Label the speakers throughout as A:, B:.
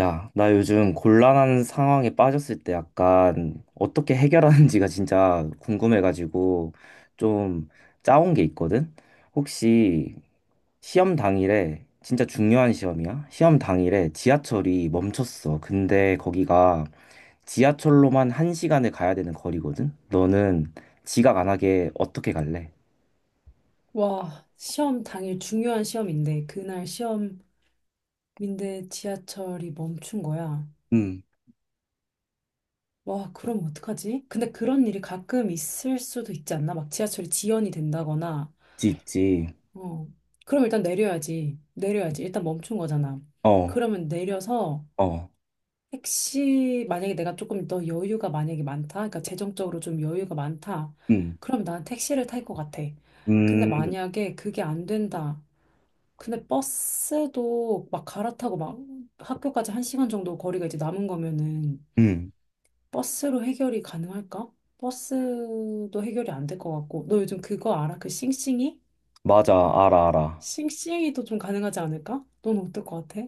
A: 야, 나 요즘 곤란한 상황에 빠졌을 때 약간 어떻게 해결하는지가 진짜 궁금해가지고 좀 짜온 게 있거든? 혹시 시험 당일에, 진짜 중요한 시험이야? 시험 당일에 지하철이 멈췄어. 근데 거기가 지하철로만 한 시간을 가야 되는 거리거든? 너는 지각 안 하게 어떻게 갈래?
B: 와, 시험 당일 중요한 시험인데, 그날 시험인데 지하철이 멈춘 거야.
A: 음,
B: 와, 그럼 어떡하지? 근데 그런 일이 가끔 있을 수도 있지 않나? 막 지하철이 지연이 된다거나,
A: 있지, 있지.
B: 어. 그럼 일단 내려야지. 내려야지. 일단 멈춘 거잖아.
A: 어,
B: 그러면 내려서
A: 어,
B: 택시, 만약에 내가 조금 더 여유가 만약에 많다? 그러니까 재정적으로 좀 여유가 많다?
A: 음,
B: 그럼 난 택시를 탈 것 같아. 근데
A: 음,
B: 만약에 그게 안 된다. 근데 버스도 막 갈아타고 막 학교까지 한 시간 정도 거리가 이제 남은 거면은
A: 음.
B: 버스로 해결이 가능할까? 버스도 해결이 안 될 것 같고. 너 요즘 그거 알아? 그 싱싱이?
A: 맞아, 알아, 알아.
B: 싱싱이도 좀 가능하지 않을까? 넌 어떨 것 같아?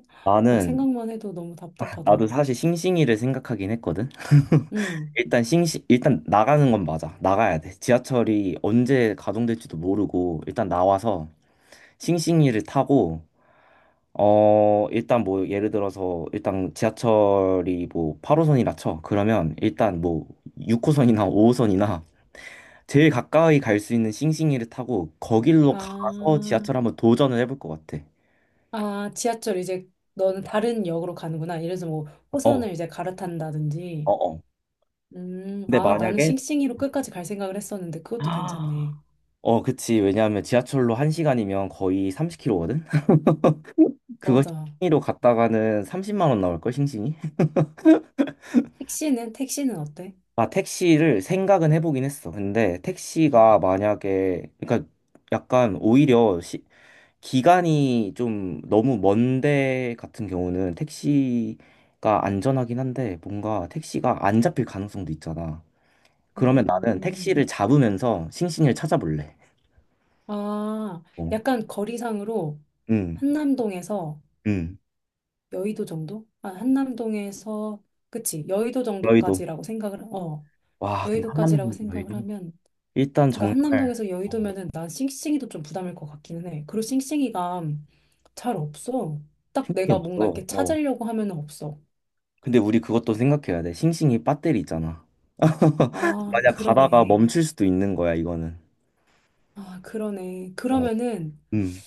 B: 막
A: 나는
B: 생각만 해도 너무 답답하다.
A: 나도 사실 싱싱이를 생각하긴 했거든.
B: 응.
A: 일단 나가는 건 맞아. 나가야 돼. 지하철이 언제 가동될지도 모르고 일단 나와서 싱싱이를 타고 어 일단 뭐 예를 들어서 일단 지하철이 뭐 8호선이라 쳐. 그러면 일단 뭐 6호선이나 5호선이나 제일 가까이 갈 수 있는 싱싱이를 타고 거길로 가서
B: 아,
A: 지하철 한번 도전을 해볼 것 같아.
B: 아, 지하철 이제 너는 다른 역으로 가는구나. 이래서 뭐
A: 어,
B: 호선을 이제
A: 어,
B: 갈아탄다든지.
A: 어. 근데
B: 아, 나는
A: 만약에
B: 싱싱이로 끝까지 갈 생각을 했었는데 그것도 괜찮네.
A: 어, 그치. 왜냐하면 지하철로 1시간이면 거의 30km거든? 그거
B: 맞아.
A: 싱싱이로 갔다가는 30만 원 나올걸, 싱싱이?
B: 택시는 어때?
A: 아, 택시를 생각은 해보긴 했어. 근데 택시가 만약에, 그러니까 약간 오히려 시, 기간이 좀 너무 먼데 같은 경우는 택시가 안전하긴 한데 뭔가 택시가 안 잡힐 가능성도 있잖아. 그러면 나는
B: 음,
A: 택시를 잡으면서 싱싱이를 찾아볼래.
B: 아,
A: 어.
B: 약간 거리상으로
A: 응,
B: 한남동에서
A: 응.
B: 여의도 정도? 아, 한남동에서 그치 여의도
A: 너희도.
B: 정도까지라고 생각을 어
A: 와, 근데
B: 여의도까지라고
A: 한남동
B: 생각을
A: 너희도.
B: 하면
A: 일단
B: 그러니까
A: 정말
B: 한남동에서 여의도면은 난 싱싱이도 좀 부담일 것 같기는 해. 그리고 싱싱이가 잘 없어. 딱
A: 이게
B: 내가 뭔가
A: 없어.
B: 이렇게
A: 어.
B: 찾으려고 하면은 없어.
A: 근데 우리 그것도 생각해야 돼. 싱싱이 배터리 있잖아.
B: 아,
A: 만약 가다가
B: 그러네.
A: 멈출 수도 있는 거야, 이거는.
B: 아, 그러네.
A: 어.
B: 그러면은
A: 음.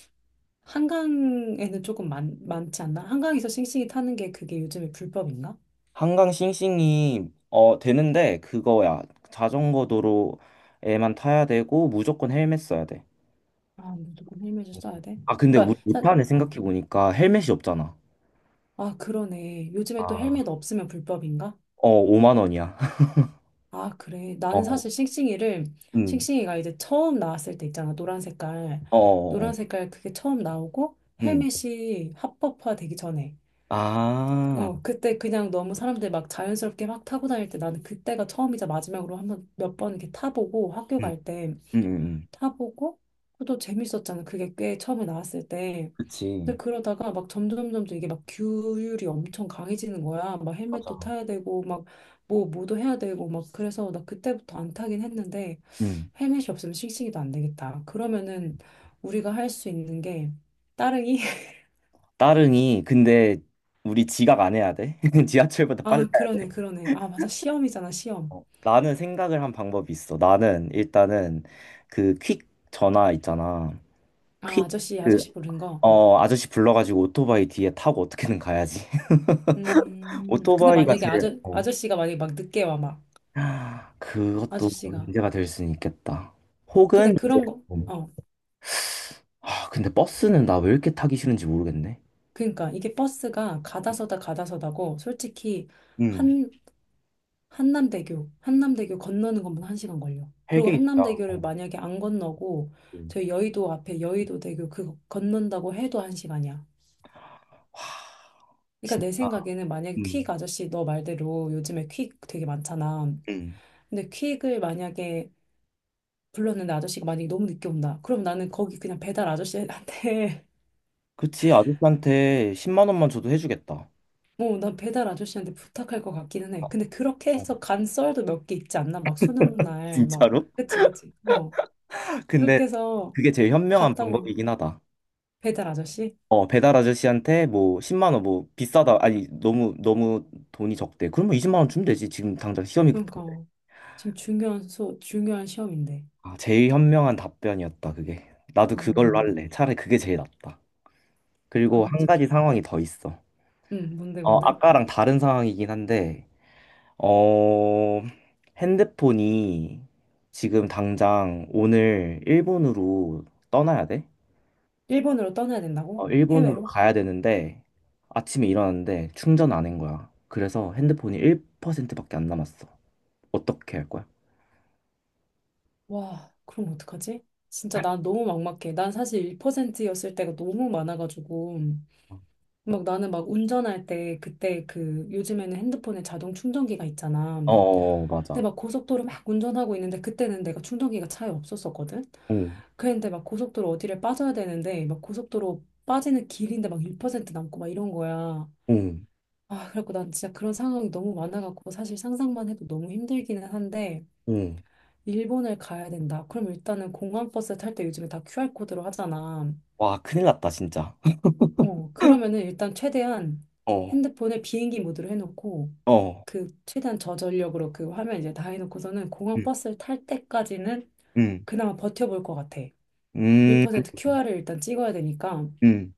B: 한강에는 조금 많지 않나? 한강에서 싱싱이 타는 게 그게 요즘에 불법인가?
A: 한강 싱싱이 어 되는데 그거야. 자전거 도로에만 타야 되고 무조건 헬멧 써야 돼.
B: 아, 무조건 헬멧을 써야 돼?
A: 아, 근데
B: 그러니까,
A: 우리 못하네
B: 어.
A: 생각해 보니까 헬멧이 없잖아.
B: 아, 그러네. 요즘에 또
A: 아,
B: 헬멧 없으면 불법인가?
A: 어, 5만 원이야.
B: 아, 그래. 나는
A: 어,
B: 사실 싱싱이를,
A: 음.
B: 싱싱이가 이제 처음 나왔을 때 있잖아. 노란 색깔.
A: 어, 어,
B: 노란
A: 어.
B: 색깔 그게 처음 나오고
A: 음.
B: 헬멧이 합법화 되기 전에.
A: 아.
B: 어, 그때 그냥 너무 사람들 막 자연스럽게 막 타고 다닐 때 나는 그때가 처음이자 마지막으로 한 번 몇 번 이렇게 타보고 학교
A: 음.
B: 갈 때.
A: 음. 음. 음.
B: 타보고 그도 재밌었잖아. 그게 꽤 처음에 나왔을 때.
A: 그치.
B: 근데 그러다가 막 점점 점점 이게 막 규율이 엄청 강해지는 거야. 막 헬멧도
A: 맞아.
B: 타야 되고 막 뭐도 해야 되고 막 그래서 나 그때부터 안 타긴 했는데
A: 음.
B: 헬멧이 없으면 싱싱이도 안 되겠다. 그러면은 우리가 할 수 있는 게 따릉이.
A: 따릉이 근데 우리 지각 안 해야 돼. 지하철보다
B: 아
A: 빨라야 돼.
B: 그러네 그러네 아 맞아 시험이잖아 시험.
A: 어. 나는 생각을 한 방법이 있어. 나는 일단은 그 퀵 전화 있잖아.
B: 아
A: 퀵
B: 아저씨
A: 그
B: 아저씨 부르는 거.
A: 어 아저씨 불러가지고 오토바이 뒤에 타고 어떻게든 가야지.
B: 근데
A: 오토바이가
B: 만약에
A: 제일 어.
B: 아저씨가 만약에 막 늦게 와 막
A: 하, 그것도
B: 아저씨가
A: 문제가 될 수는 있겠다. 혹은
B: 근데
A: 이제
B: 그런 거
A: 음.
B: 어,
A: 아 근데 버스는 나 왜 이렇게 타기 싫은지 모르겠네.
B: 그러니까 이게 버스가 가다서다 가다서다고 솔직히
A: 음.
B: 한 한남대교 건너는 것만 한 시간 걸려. 그리고
A: 헬게 있다.
B: 한남대교를 만약에 안 건너고
A: 와
B: 저희 여의도 앞에 여의도대교 그 건넌다고 해도 한 시간이야. 그러니까
A: 진짜.
B: 내 생각에는 만약에 퀵
A: 음.
B: 아저씨 너 말대로 요즘에 퀵 되게 많잖아.
A: 음.
B: 근데 퀵을 만약에 불렀는데 아저씨가 만약에 너무 늦게 온다. 그럼 나는 거기 그냥 배달 아저씨한테
A: 그치, 아저씨한테 10만 원만 줘도 해주겠다.
B: 어 난 배달 아저씨한테 부탁할 것 같기는 해. 근데 그렇게
A: 어,
B: 해서 간 썰도 몇 개 있지 않나? 막 수능 날, 막.
A: 진짜로?
B: 그치, 그치. 어.
A: 근데
B: 그렇게 해서
A: 그게 제일 현명한
B: 갔다고.
A: 방법이긴 하다.
B: 배달 아저씨?
A: 어, 배달 아저씨한테 뭐 10만 원 뭐 비싸다. 아니, 너무 너무 돈이 적대. 그러면 20만 원 주면 되지. 지금 당장 시험이 급한데.
B: 그러니까. 지금 중요한 중요한 시험인데.
A: 아, 제일 현명한 답변이었다, 그게. 나도 그걸로
B: 어,
A: 할래. 차라리 그게 제일 낫다. 그리고
B: 맞아, 맞아.
A: 한 가지 상황이 더 있어.
B: 응, 뭔데,
A: 어,
B: 뭔데?
A: 아까랑 다른 상황이긴 한데 어, 핸드폰이 지금 당장 오늘 일본으로 떠나야 돼?
B: 일본으로 떠나야
A: 어,
B: 된다고?
A: 일본으로
B: 해외로?
A: 가야 되는데 아침에 일어났는데 충전 안 한 거야. 그래서 핸드폰이 1%밖에 안 남았어. 어떻게 할 거야?
B: 와, 그럼 어떡하지? 진짜 난 너무 막막해. 난 사실 1%였을 때가 너무 많아가지고.
A: 어,
B: 막 나는 막 운전할 때 그때 그 요즘에는 핸드폰에 자동 충전기가 있잖아.
A: 어,
B: 근데
A: 맞아.
B: 막 고속도로 막 운전하고 있는데 그때는 내가 충전기가 차에 없었었거든.
A: 응,
B: 그랬는데 막 고속도로 어디를 빠져야 되는데 막 고속도로 빠지는 길인데 막 1% 남고 막 이런 거야.
A: 응,
B: 아, 그래갖고 난 진짜 그런 상황이 너무 많아갖고 사실 상상만 해도 너무 힘들기는 한데
A: 응.
B: 일본을 가야 된다. 그럼 일단은 공항버스 탈 때 요즘에 다 QR코드로 하잖아.
A: 와, 큰일 났다, 진짜.
B: 어, 그러면은 일단 최대한
A: 어,
B: 핸드폰에 비행기 모드로 해놓고
A: 어,
B: 그 최대한 저전력으로 그 화면 이제 다 해놓고서는 공항
A: 응,
B: 버스를 탈 때까지는
A: 응,
B: 그나마 버텨볼 것 같아.
A: 음,
B: 1% QR을 일단 찍어야 되니까
A: 응,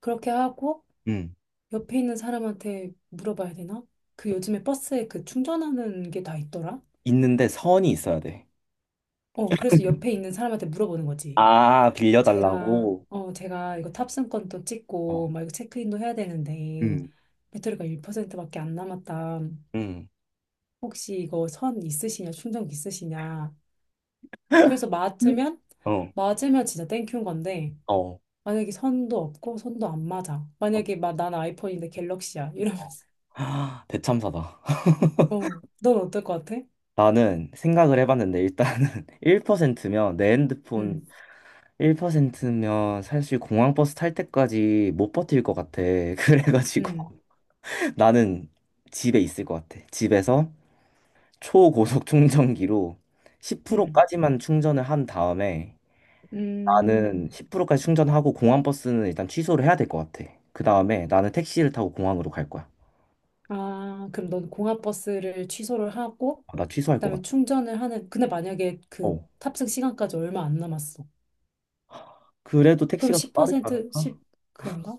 B: 그렇게 하고
A: 응.
B: 옆에 있는 사람한테 물어봐야 되나? 그 요즘에 버스에 그 충전하는 게 다 있더라?
A: 있는데 선이 있어야 돼.
B: 어, 그래서 옆에 있는 사람한테 물어보는 거지.
A: 아,
B: 제가,
A: 빌려달라고?
B: 어, 제가 이거 탑승권도
A: 어,
B: 찍고 막 이거 체크인도 해야 되는데
A: 응,
B: 배터리가 1%밖에 안 남았다.
A: 응.
B: 혹시 이거 선 있으시냐, 충전기 있으시냐. 그래서
A: 음.
B: 맞으면,
A: 어,
B: 맞으면 진짜 땡큐인 건데,
A: 어.
B: 만약에 선도 없고, 선도 안 맞아. 만약에 막 난 아이폰인데 갤럭시야.
A: 어.
B: 이러면서.
A: 아, 대참사다.
B: 어, 넌 어떨 것 같아?
A: 나는 생각을 해봤는데 일단은 1%면 내
B: 음,
A: 핸드폰 1%면 사실 공항버스 탈 때까지 못 버틸 것 같아.
B: 음,
A: 그래가지고 나는 집에 있을 것 같아. 집에서 초고속 충전기로
B: 음,
A: 10%까지만 충전을 한 다음에 나는
B: 음.
A: 10%까지 충전하고 공항버스는 일단 취소를 해야 될 것 같아. 그 다음에 나는 택시를 타고 공항으로 갈 거야.
B: 아, 그럼 넌 공항버스를 취소를 하고,
A: 아, 나 취소할 것 같아.
B: 그다음에 충전을 하는, 근데 만약에 그
A: 어.
B: 탑승 시간까지 얼마 안 남았어.
A: 그래도
B: 그럼
A: 택시가 더 빠르지
B: 10%,
A: 않을까?
B: 10, 그런가?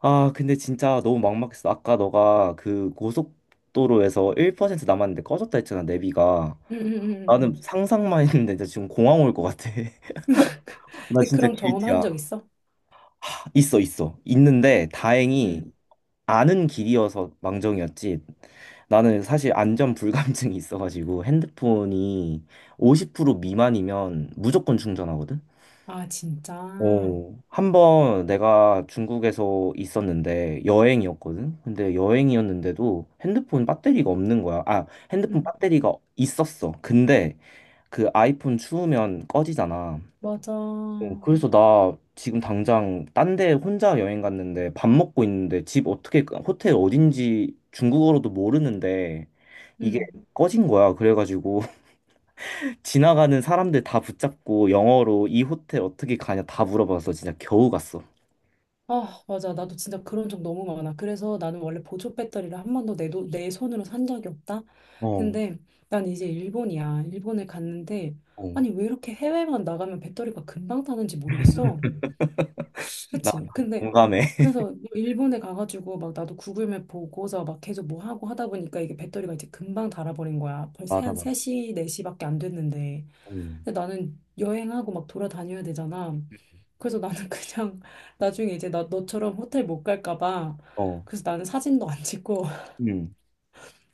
A: 아, 근데 진짜 너무 막막했어. 아까 너가 그 고속도로에서 1% 남았는데 꺼졌다 했잖아, 내비가.
B: 응응
A: 나는
B: 음.
A: 상상만 했는데 진짜 지금 공항 올 것 같아. 나
B: 근데
A: 진짜
B: 그런 경험 한
A: 길티야.
B: 적 있어?
A: 있어, 있어. 있는데 다행히
B: 응.
A: 아는 길이어서 망정이었지. 나는 사실 안전 불감증이 있어가지고 핸드폰이 50% 미만이면 무조건 충전하거든?
B: 아, 진짜?
A: 어, 한번 내가 중국에서 있었는데 여행이었거든? 근데 여행이었는데도 핸드폰 배터리가 없는 거야. 아, 핸드폰
B: 응,
A: 배터리가 있었어. 근데 그 아이폰 추우면 꺼지잖아.
B: 맞아.
A: 어, 그래서 나 지금 당장 딴데 혼자 여행 갔는데 밥 먹고 있는데 집 어떻게, 호텔 어딘지 중국어로도 모르는데 이게
B: 응.
A: 꺼진 거야. 그래가지고 지나가는 사람들 다 붙잡고 영어로 이 호텔 어떻게 가냐 다 물어봐서 진짜 겨우 갔어.
B: 아, 맞아. 나도 진짜 그런 적 너무 많아. 그래서 나는 원래 보조 배터리를 한 번도 내, 돈- 내 손으로 산 적이 없다?
A: 어,
B: 근데 난 이제 일본이야. 일본에 갔는데,
A: 어.
B: 아니, 왜 이렇게 해외만 나가면 배터리가 금방 타는지 모르겠어.
A: 나
B: 그치? 근데,
A: 공감해.
B: 그래서 뭐 일본에 가가지고 막 나도 구글맵 보고서 막 계속 뭐 하고 하다 보니까 이게 배터리가 이제 금방 닳아버린 거야. 벌써
A: 맞아,
B: 한
A: 맞아.
B: 3시, 4시밖에 안 됐는데.
A: 어,
B: 근데 나는 여행하고 막 돌아다녀야 되잖아. 그래서 나는 그냥 나중에 이제 나 너처럼 호텔 못 갈까 봐.
A: 어,
B: 그래서 나는 사진도 안 찍고
A: 음.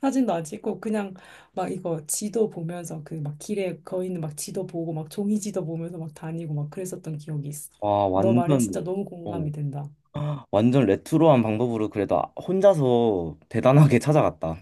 B: 사진도 안 찍고 그냥 막 이거 지도 보면서 그 막 길에 거 있는 막 지도 보고 막 종이 지도 보면서 막 다니고 막 그랬었던 기억이 있어.
A: 와,
B: 너 말에 진짜
A: 완전,
B: 너무
A: 어,
B: 공감이 된다.
A: 완전 레트로한 방법으로 그래도 아- 혼자서 대단하게 찾아갔다.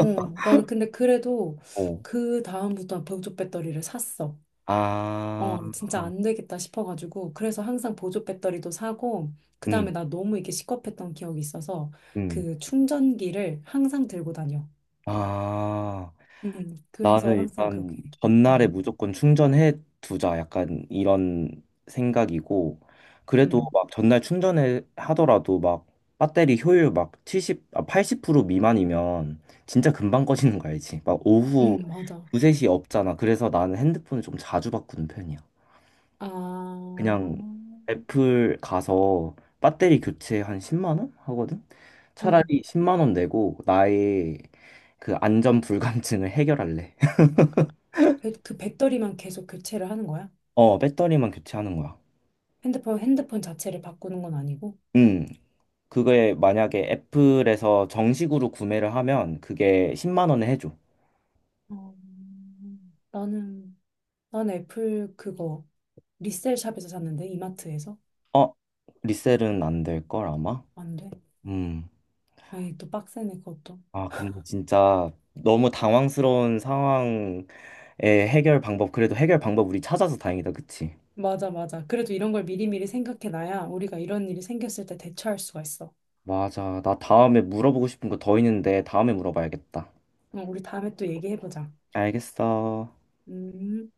B: 어, 나는 근데 그래도
A: 어,
B: 그 다음부터 는우족 배터리를 샀어.
A: 아,
B: 어, 진짜 안 되겠다 싶어가지고, 그래서 항상 보조 배터리도 사고, 그
A: 음,
B: 다음에 나 너무 이게 시겁했던 기억이 있어서,
A: 음,
B: 그 충전기를 항상 들고 다녀.
A: 아.
B: 그래서
A: 나는
B: 항상
A: 일단
B: 그렇게.
A: 전날에
B: 음,
A: 무조건 충전해 두자 약간 이런 생각이고 그래도
B: 음,
A: 막 전날 충전해 하더라도 막 배터리 효율 막 70, 아, 80% 미만이면 진짜 금방 꺼지는 거 알지? 막 오후
B: 맞아.
A: 2, 3시 없잖아. 그래서 나는 핸드폰을 좀 자주 바꾸는 편이야.
B: 아,
A: 그냥 애플 가서 배터리 교체 한 10만 원 하거든?
B: 음,
A: 차라리 10만 원 내고 나의 그 안전 불감증을 해결할래.
B: 그 배터리만 계속 교체를 하는 거야?
A: 어, 배터리만 교체하는 거야.
B: 핸드폰, 핸드폰 자체를 바꾸는 건 아니고?
A: 음, 그게 만약에 애플에서 정식으로 구매를 하면 그게 10만 원에 해줘.
B: 어, 나는, 난 애플 그거, 리셀 샵에서 샀는데, 이마트에서?
A: 어, 리셀은 안 될 걸 아마?
B: 안 돼.
A: 음.
B: 에이, 또 빡세네, 그것도.
A: 아, 근데 진짜 너무 당황스러운 상황의 해결 방법, 그래도 해결 방법 우리 찾아서 다행이다, 그치?
B: 맞아, 맞아. 그래도 이런 걸 미리미리 생각해놔야 우리가 이런 일이 생겼을 때 대처할 수가 있어.
A: 맞아. 나 다음에 물어보고 싶은 거 더 있는데 다음에 물어봐야겠다.
B: 어, 우리 다음에 또 얘기해보자.
A: 알겠어.
B: 음.